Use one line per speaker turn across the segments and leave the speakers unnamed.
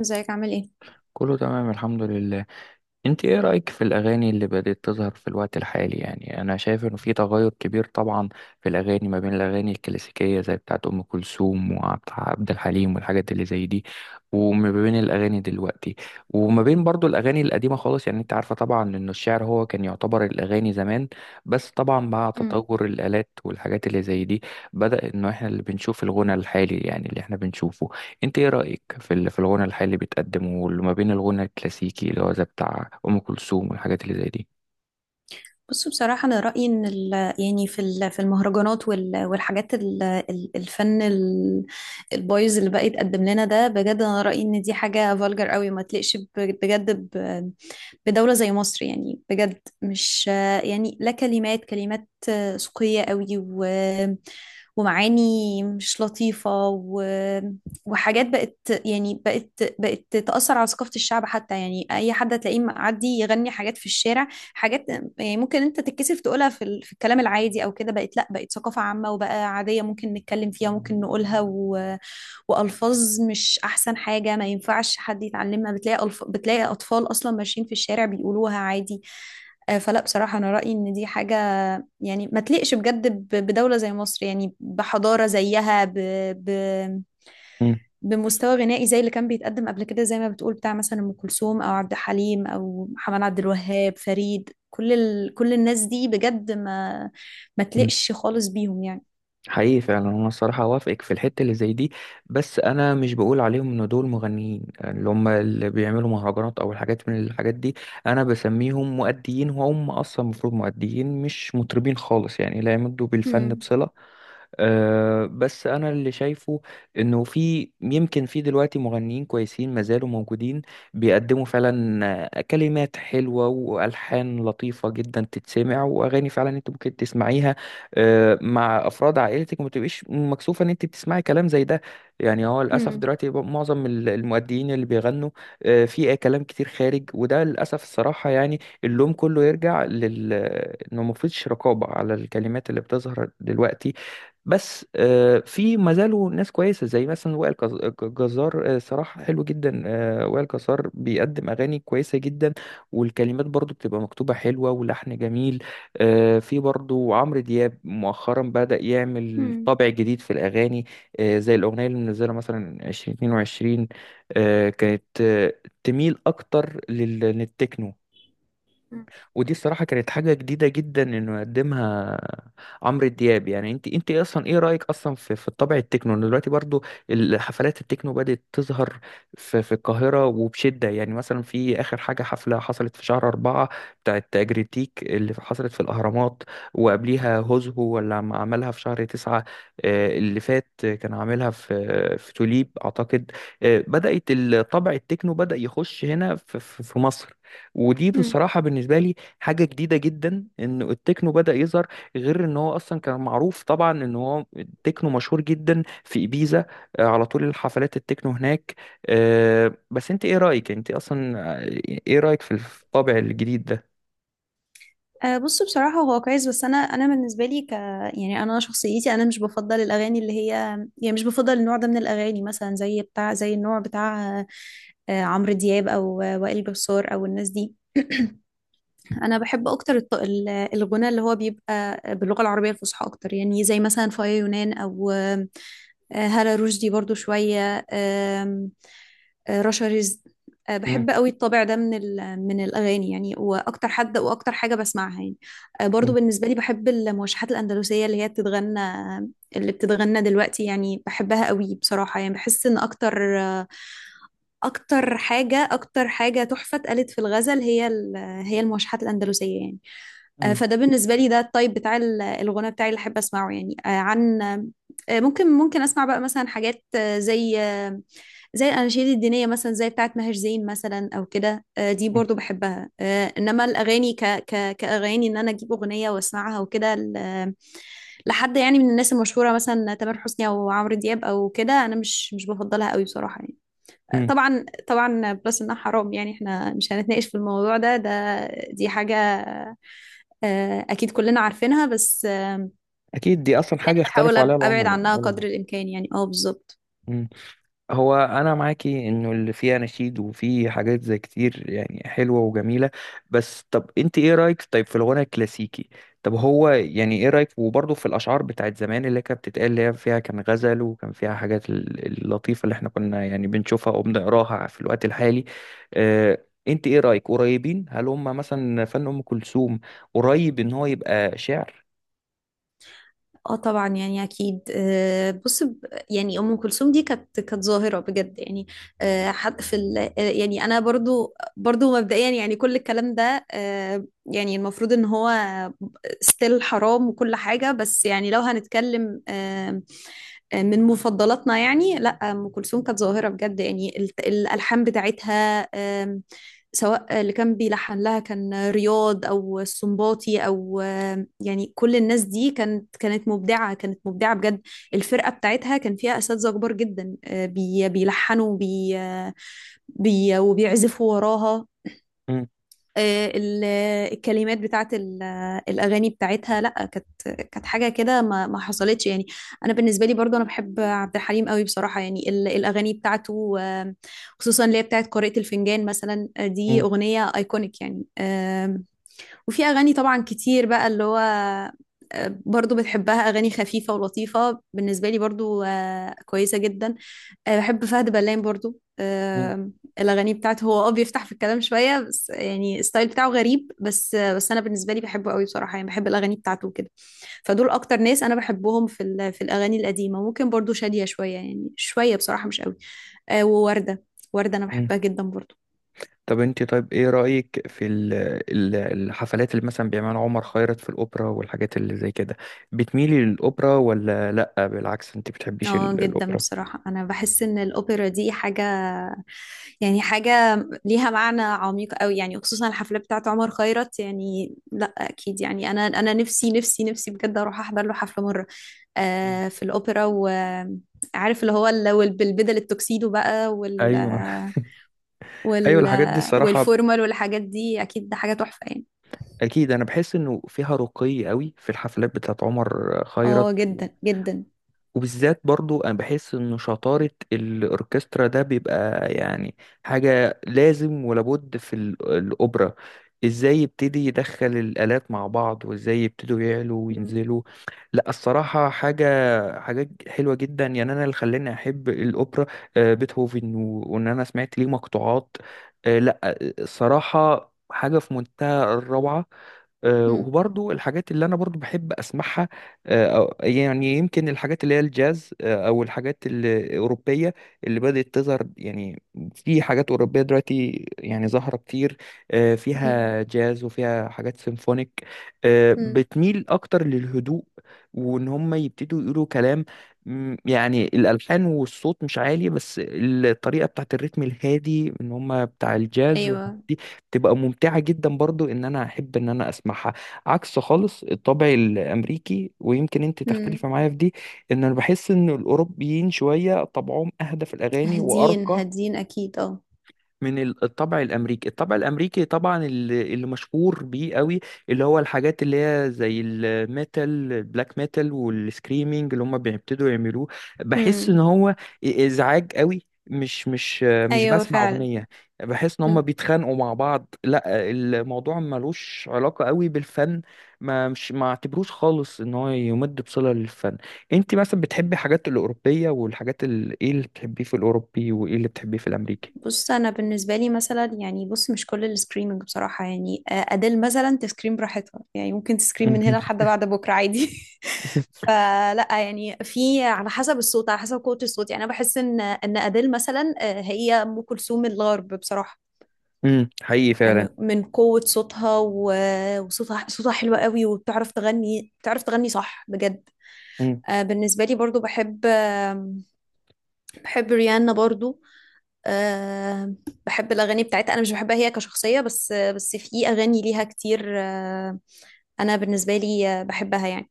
ازيك عامل ايه؟
كله تمام، الحمد لله. انت ايه رأيك في الاغاني اللي بدأت تظهر في الوقت الحالي؟ يعني انا شايف انه في تغير كبير طبعا في الاغاني، ما بين الاغاني الكلاسيكية زي بتاعت ام كلثوم وعبد عبد الحليم والحاجات اللي زي دي، وما بين الاغاني دلوقتي، وما بين برضو الاغاني القديمة خالص. يعني انت عارفة طبعا ان الشعر هو كان يعتبر الاغاني زمان، بس طبعا مع
مم.
تطور الالات والحاجات اللي زي دي بدأ انه احنا اللي بنشوف الغنى الحالي، يعني اللي احنا بنشوفه. انت ايه رأيك في في الغنى الحالي اللي بيتقدم، واللي ما بين الغنى الكلاسيكي اللي هو زي بتاع ام كلثوم والحاجات اللي زي دي؟
بص، بصراحة أنا رأيي إن يعني في في المهرجانات والحاجات الفن البايظ اللي بقى يتقدم لنا ده، بجد أنا رأيي إن دي حاجة فالجر قوي ما تليقش بجد بدولة زي مصر، يعني بجد مش يعني لا. كلمات كلمات سوقية قوي، و... ومعاني مش لطيفة، و... وحاجات بقت، يعني بقت، بقت تأثر على ثقافة الشعب حتى. يعني أي حد هتلاقيه معدي يغني حاجات في الشارع، حاجات يعني ممكن أنت تتكسف تقولها في الكلام العادي أو كده. بقت لأ، بقت ثقافة عامة وبقى عادية ممكن نتكلم فيها ممكن نقولها. و... والفاظ مش احسن حاجه، ما ينفعش حد يتعلمها. بتلاقي اطفال اصلا ماشيين في الشارع بيقولوها عادي. فلا، بصراحه انا رايي ان دي حاجه يعني ما تليقش بجد بدوله زي مصر، يعني بحضاره زيها، ب... ب...
مم.
بمستوى غنائي زي اللي كان بيتقدم قبل كده، زي ما بتقول بتاع مثلا ام كلثوم او عبد الحليم او محمد عبد الوهاب فريد. كل الناس دي بجد ما
مم.
تليقش خالص بيهم يعني.
حقيقي فعلا انا الصراحه اوافقك في الحته اللي زي دي. بس انا مش بقول عليهم ان دول مغنيين، اللي هم اللي بيعملوا مهرجانات او الحاجات من الحاجات دي. انا بسميهم مؤديين، وهم اصلا المفروض مؤديين مش مطربين خالص، يعني لا يمدوا بالفن
مم.
بصله. أه، بس انا اللي شايفه انه في، يمكن في دلوقتي مغنيين كويسين ما زالوا موجودين بيقدموا فعلا كلمات حلوة والحان لطيفة جدا تتسمع، واغاني فعلا انت ممكن تسمعيها أه مع افراد عائلتك وما تبقيش مكسوفة ان انت بتسمعي كلام زي ده. يعني هو للاسف
مم.
دلوقتي بقى معظم المؤديين اللي بيغنوا أه في كلام كتير خارج، وده للاسف الصراحة يعني اللوم كله يرجع لل انه مفيش رقابة على الكلمات اللي بتظهر دلوقتي. بس في ما زالوا ناس كويسه زي مثلا وائل جزار. صراحه حلو جدا. وائل جزار بيقدم اغاني كويسه جدا، والكلمات برضو بتبقى مكتوبه حلوه ولحن جميل. في برضو عمرو دياب مؤخرا بدأ يعمل
مم.
طابع جديد في الاغاني، زي الاغنيه اللي منزلها مثلا 2022. كانت تميل اكتر للتكنو. ودي الصراحة كانت حاجة جديدة جدا انه يقدمها عمرو دياب. يعني انت، انت ايه رأيك اصلا في الطابع التكنو ان دلوقتي برضو الحفلات التكنو بدأت تظهر في القاهرة وبشدة؟ يعني مثلا في اخر حاجة، حفلة حصلت في شهر 4 بتاعت جريتيك اللي حصلت في الأهرامات، وقبليها هوزهو، ولا لما عملها في شهر 9 اللي فات كان عاملها في توليب أعتقد. بدأت الطابع التكنو بدأ يخش هنا في في مصر. ودي
مم.
بصراحة بالنسبة لي حاجة جديدة جدا، ان التكنو بدأ يظهر، غير ان هو اصلا كان معروف طبعا ان هو التكنو مشهور جدا في إبيزا. على طول الحفلات التكنو هناك. بس انت ايه رأيك انت اصلا، آه، ايه رأيك في الطابع الجديد ده؟
أه، بص، بصراحة هو كويس، بس أنا بالنسبة لي ك، يعني أنا شخصيتي أنا مش بفضل الأغاني اللي هي، يعني مش بفضل النوع ده من الأغاني مثلا، زي بتاع زي النوع بتاع أه آه، عمرو دياب، أو وائل جسار، أو الناس دي. انا بحب اكتر الغناء اللي هو بيبقى باللغه العربيه الفصحى اكتر، يعني زي مثلا فايا يونان، او آم، آه، هالة رشدي برضو شويه، آم، آه، رشا رزق.
مم.
بحب قوي الطابع ده من الاغاني يعني، واكتر حد واكتر حاجه بسمعها يعني. برضو
مم.
بالنسبه لي بحب الموشحات الاندلسيه اللي بتتغنى دلوقتي يعني، بحبها قوي بصراحه. يعني بحس ان اكتر اكتر حاجه تحفه اتقالت في الغزل هي المواشحات الاندلسيه يعني.
مم.
فده بالنسبه لي ده الطيب الغنى بتاعي اللي احب اسمعه يعني. آه، عن آه، ممكن ممكن اسمع بقى مثلا حاجات زي زي الاناشيد الدينيه مثلا، زي بتاعه ماهر زين مثلا او كده. دي
مم.
برضو بحبها. انما الاغاني ك ك كاغاني، ان انا اجيب اغنيه واسمعها وكده لحد يعني من الناس المشهوره، مثلا تامر حسني او عمرو دياب او كده، انا مش بفضلها قوي بصراحه يعني.
مم.
طبعا طبعا، بلس انها حرام يعني. احنا مش هنتناقش في الموضوع ده، دي حاجة اكيد كلنا عارفينها. بس آه،
اكيد دي اصلا
يعني
حاجة
بحاول
اختلفوا عليها
ابعد
العملاء.
عنها قدر الامكان يعني. اه بالظبط.
مم. هو انا معاكي انه اللي فيه اناشيد وفيه حاجات زي كتير يعني حلوه وجميله، بس طب انت ايه رايك طيب في الغنى الكلاسيكي؟ طب هو يعني ايه رايك وبرضه في الاشعار بتاعت زمان اللي كانت بتتقال، اللي هي فيها كان غزل وكان فيها حاجات اللطيفه اللي احنا كنا يعني بنشوفها وبنقراها في الوقت الحالي؟ اه، انت ايه رايك؟ قريبين هل هم مثلا فن ام كلثوم قريب ان هو يبقى شعر؟
اه طبعا، يعني اكيد. بص يعني ام كلثوم دي كانت ظاهره بجد يعني. آه، حد في ال... آه، يعني انا برضو مبدئيا يعني كل الكلام ده يعني المفروض ان هو ستيل حرام وكل حاجه. بس يعني لو هنتكلم من مفضلاتنا يعني، لا، ام كلثوم كانت ظاهره بجد يعني. الالحان بتاعتها، سواء اللي كان بيلحن لها كان رياض او السنباطي او، يعني كل الناس دي كانت مبدعه، كانت مبدعه بجد. الفرقه بتاعتها كان فيها اساتذه كبار جدا بيلحنوا بي وبيعزفوا وراها.
مم.
آه، ال- الكلمات الأغاني بتاعتها، لأ كانت كانت حاجة كده ما حصلتش يعني. أنا بالنسبة لي برضو أنا بحب عبد الحليم قوي بصراحة يعني، الأغاني بتاعته خصوصا اللي هي بتاعت قارئة الفنجان مثلا. دي
مم.
أغنية أيكونيك يعني. وفي أغاني طبعا كتير بقى، اللي هو برضو بتحبها، أغاني خفيفة ولطيفة بالنسبة لي برضو كويسة جدا. أه، بحب فهد بلان برضو. أه، الأغاني بتاعته، هو بيفتح في الكلام شوية بس، يعني الستايل بتاعه غريب بس، بس أنا بالنسبة لي بحبه قوي بصراحة يعني، بحب الأغاني بتاعته وكده. فدول أكتر ناس أنا بحبهم في الأغاني القديمة. ممكن برضو شادية شوية، يعني شوية بصراحة مش قوي. أه، ووردة. وردة أنا
مم.
بحبها جدا برضو.
طب انت طيب ايه رأيك في الحفلات اللي مثلا بيعملها عمر خيرت في الأوبرا والحاجات اللي زي كده؟ بتميلي للأوبرا ولا لأ، بالعكس انت بتحبيش
اه جدا،
الأوبرا؟
بصراحة انا بحس ان الاوبرا دي حاجة، يعني حاجة ليها معنى عميق قوي يعني، خصوصا الحفلة بتاعت عمر خيرت يعني، لا اكيد يعني. انا انا نفسي نفسي نفسي بجد اروح احضر له حفلة مرة
مم.
في الاوبرا، وعارف اللي هو بالبدل التوكسيدو بقى،
ايوه. ايوه،
وال
الحاجات دي الصراحة
والفورمال والحاجات دي، اكيد ده حاجة تحفة يعني.
اكيد انا بحس انه فيها رقي قوي في الحفلات بتاعت عمر خيرت.
اه جدا جدا.
وبالذات برضو انا بحس ان شطارة الاوركسترا ده بيبقى يعني حاجة لازم ولابد في الاوبرا، ازاي يبتدي يدخل الالات مع بعض، وازاي يبتدوا يعلوا
مم.
وينزلوا. لا، الصراحة حاجة، حاجات حلوة جدا. يعني انا اللي خلاني احب الاوبرا بيتهوفن، و- وان انا سمعت ليه مقطوعات لا الصراحة حاجة في منتهى الروعة.
مم.
وبرضو الحاجات اللي انا برضو بحب اسمعها، يعني يمكن الحاجات اللي هي الجاز، او الحاجات الاوروبيه اللي بدات تظهر. يعني في حاجات اوروبيه دلوقتي يعني ظاهره كتير،
مم.
فيها جاز وفيها حاجات سيمفونيك.
مم.
بتميل اكتر للهدوء، وان هم يبتدوا يقولوا كلام. يعني الالحان والصوت مش عالي، بس الطريقه بتاعت الريتم الهادي ان هم بتاع الجاز والحاجات
ايوه.
دي تبقى ممتعة جدا برضو، ان انا احب ان انا اسمعها. عكس خالص الطبع الامريكي، ويمكن انت
مم.
تختلفي معايا في دي، ان انا بحس ان الاوروبيين شوية طبعهم اهدى في الاغاني
هادين
وارقى
هادين اكيد اه.
من الطبع الامريكي. الطبع الامريكي طبعا اللي مشهور بيه قوي اللي هو الحاجات اللي هي زي الميتال، البلاك ميتال، والسكريمينج اللي هم بيبتدوا يعملوه. بحس ان
امم.
هو ازعاج قوي، مش
ايوه
بسمع
فعلا.
اغنيه. بحس ان هم
مم.
بيتخانقوا مع بعض، لا الموضوع ملوش علاقه قوي بالفن. ما مش ما اعتبروش خالص ان هو يمد بصله للفن. انت مثلا بتحبي حاجات الاوروبيه والحاجات ايه اللي بتحبيه في الاوروبي وايه اللي بتحبيه في الامريكي؟
بص، انا بالنسبه لي مثلا، يعني بص مش كل السكريمنج بصراحه يعني. اديل مثلا تسكريم براحتها يعني، ممكن تسكريم من هنا لحد بعد بكره عادي فلا يعني، في على حسب الصوت، على حسب قوه الصوت. يعني انا بحس ان اديل مثلا هي ام كلثوم الغرب بصراحه.
امم، حقيقي فعلا.
من قوه صوتها و- وصوتها صوتها حلو قوي، وبتعرف تغني بتعرف تغني صح بجد.
مم.
بالنسبه لي برضو بحب بحب ريانا برضو. أه، بحب الأغاني بتاعتها. أنا مش بحبها هي كشخصية، بس في أغاني ليها كتير. أه، أنا بالنسبة لي بحبها يعني.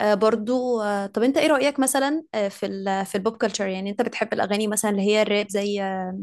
أه برضو. أه طب، أنت إيه رأيك مثلا في ال في البوب كلتشر؟ يعني أنت بتحب الأغاني مثلا اللي هي الراب، زي آه،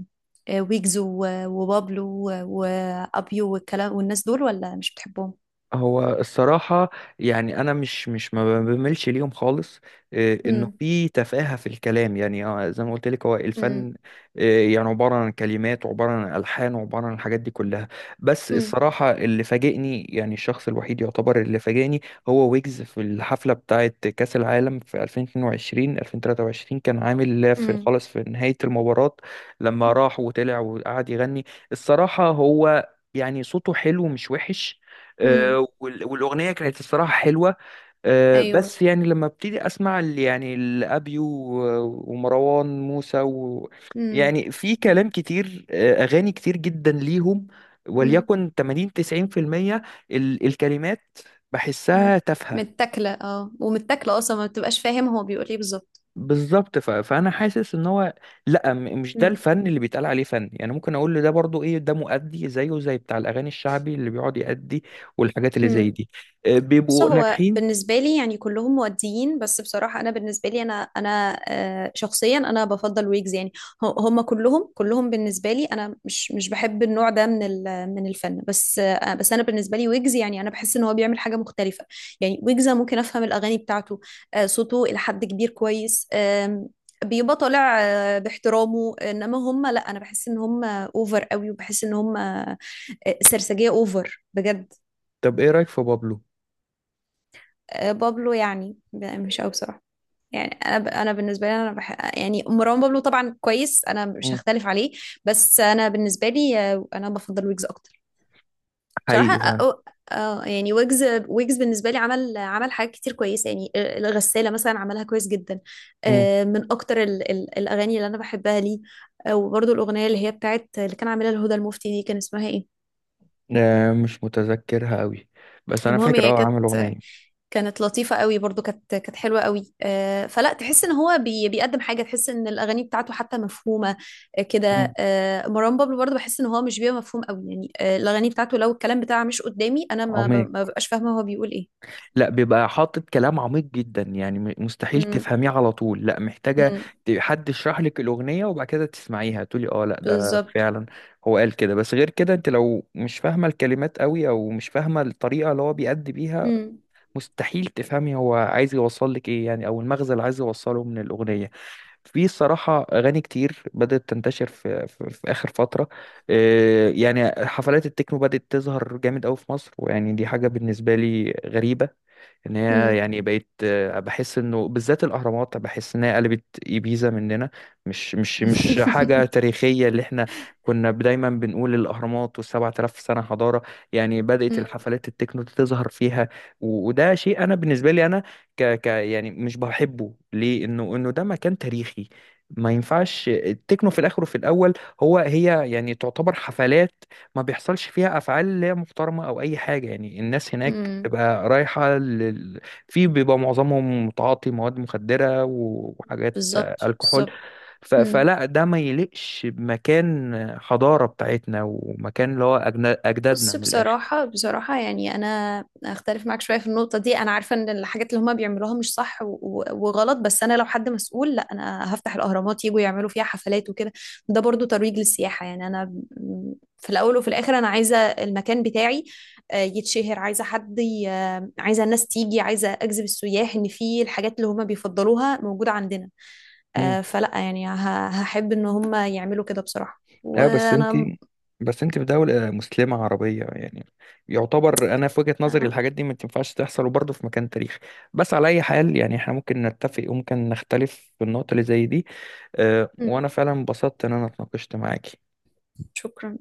آه، ويجز وبابلو وأبيو والكلام والناس دول، ولا مش بتحبهم؟
هو الصراحة يعني أنا مش ما بملش ليهم خالص. إنه
مم.
في تفاهة في الكلام، يعني زي ما قلت لك هو الفن
مم.
يعني عبارة عن كلمات وعبارة عن ألحان وعبارة عن الحاجات دي كلها. بس
مم.
الصراحة اللي فاجئني، يعني الشخص الوحيد يعتبر اللي فاجئني هو ويجز في الحفلة بتاعة كأس العالم في 2022 2023، كان عامل في
مم.
خلاص في نهاية المباراة لما راح وطلع وقعد يغني. الصراحة هو يعني صوته حلو مش وحش.
مم.
آه، وال- والاغنيه كانت الصراحه حلوه.
أيوه.
بس يعني لما ابتدي اسمع يعني الابيو ومروان موسى و، يعني في كلام كتير، اغاني كتير جدا ليهم،
مم.
وليكن 80 90% الكلمات
مم.
بحسها تافهه.
متاكله اه، ومتاكله اصلا ما بتبقاش فاهم هو بيقول ايه بالظبط.
بالظبط. ف... فانا حاسس ان هو، لا، مش ده
مم.
الفن اللي بيتقال عليه فن، يعني ممكن اقول له ده برضو ايه، ده مؤدي زيه زي بتاع الاغاني الشعبي اللي بيقعد يأدي والحاجات اللي زي
مم.
دي.
بص،
بيبقوا
هو
ناجحين.
بالنسبة لي يعني كلهم مؤديين. بس بصراحة أنا بالنسبة لي أنا شخصيا أنا بفضل ويجز يعني. هم كلهم بالنسبة لي، أنا مش بحب النوع ده من الفن، بس أنا بالنسبة لي ويجز يعني، أنا بحس إن هو بيعمل حاجة مختلفة. يعني ويجز أنا ممكن أفهم الأغاني بتاعته، صوته إلى حد كبير كويس. بيبقى طالع باحترامه، انما هم لا، انا بحس ان هم اوفر قوي، وبحس ان هم سرسجية اوفر بجد.
طب ايه رأيك في بابلو؟
بابلو يعني مش قوي بصراحه. يعني انا ب... انا بالنسبه لي انا بح... يعني مروان بابلو طبعا كويس، انا مش
مم.
هختلف عليه. بس انا بالنسبه لي انا بفضل ويجز اكتر بصراحه.
حقيقي فعلا.
أه... آه، يعني ويجز بالنسبه لي، عمل حاجات كتير كويسه يعني. الغساله مثلا عملها كويس جدا،
مم.
من اكتر الاغاني اللي انا بحبها ليه. وبرضه الاغنيه اللي هي بتاعت اللي كان عاملها الهدى المفتي دي، كان اسمها ايه؟
آه، مش متذكرها قوي بس انا
المهم،
فاكر
هي
اه عامل
كانت
اغنية.
كانت لطيفة قوي برضو، كانت حلوة قوي. فلا، تحس ان هو بيقدم حاجة، تحس ان الاغاني بتاعته حتى مفهومة. آه، كده
مم.
آه، مروان بابلو برضو بحس ان هو مش بيبقى مفهوم قوي يعني. الاغاني بتاعته لو الكلام بتاعه مش قدامي، انا ما ب-
عميق.
ما ببقاش فاهمة هو بيقول ايه.
لا، بيبقى حاطط كلام عميق جدا، يعني مستحيل
امم.
تفهميه على طول، لا محتاجة
امم.
حد يشرح لك الأغنية وبعد كده تسمعيها تقولي اه لا، ده
بالظبط.
فعلا هو قال كده. بس غير كده انت لو مش فاهمة الكلمات قوي او مش فاهمة الطريقة اللي هو بيأدي بيها،
امم.
مستحيل تفهمي هو عايز يوصل لك ايه يعني، او المغزى اللي عايز يوصله من الاغنيه. في الصراحة أغاني كتير بدأت تنتشر في آخر فترة. يعني حفلات التكنو بدأت تظهر جامد أوي في مصر، ويعني دي حاجة بالنسبة لي غريبة، ان هي
امم.
يعني بقيت. بحس انه بالذات الاهرامات بحس ان هي قلبت ايبيزا مننا. مش حاجه تاريخيه. اللي احنا كنا دايما بنقول الاهرامات و7000 سنه حضاره، يعني بدات الحفلات التكنو تظهر فيها. و- وده شيء انا بالنسبه لي انا ك ك يعني مش بحبه ليه، انه ده مكان تاريخي، ما ينفعش التكنو في الاخر وفي الاول. هو هي يعني تعتبر حفلات ما بيحصلش فيها افعال لا محترمه او اي حاجه، يعني الناس هناك
امم.
تبقى رايحة لل... في بيبقى معظمهم متعاطي مواد مخدرة و- وحاجات
بالظبط
الكحول.
بالظبط.
ف...
مم.
فلا، ده ما يليقش بمكان حضارة بتاعتنا ومكان اللي هو أجدادنا
بص،
من الآخر.
بصراحة بصراحة يعني أنا أختلف معاك شوية في النقطة دي. أنا عارفة إن الحاجات اللي هما بيعملوها مش صح وغلط، بس أنا لو حد مسؤول لا، أنا هفتح الأهرامات يجوا يعملوا فيها حفلات وكده. ده برضو ترويج للسياحة يعني. أنا في الأول وفي الآخر أنا عايزة المكان بتاعي يتشهر، عايزة حد عايزة الناس تيجي، عايزة أجذب السياح، إن في الحاجات اللي هما بيفضلوها موجودة عندنا.
امم،
فلا يعني هحب إن هما يعملوا كده بصراحة.
اه بس انت،
وأنا
بس انت في دولة مسلمة عربية، يعني يعتبر انا في وجهة نظري
آه،
الحاجات دي ما تنفعش تحصل، وبرضه في مكان تاريخي. بس على اي حال يعني احنا ممكن نتفق وممكن نختلف في النقطة اللي زي دي.
م،
وانا فعلا انبسطت ان انا اتناقشت معاكي.
شكرا.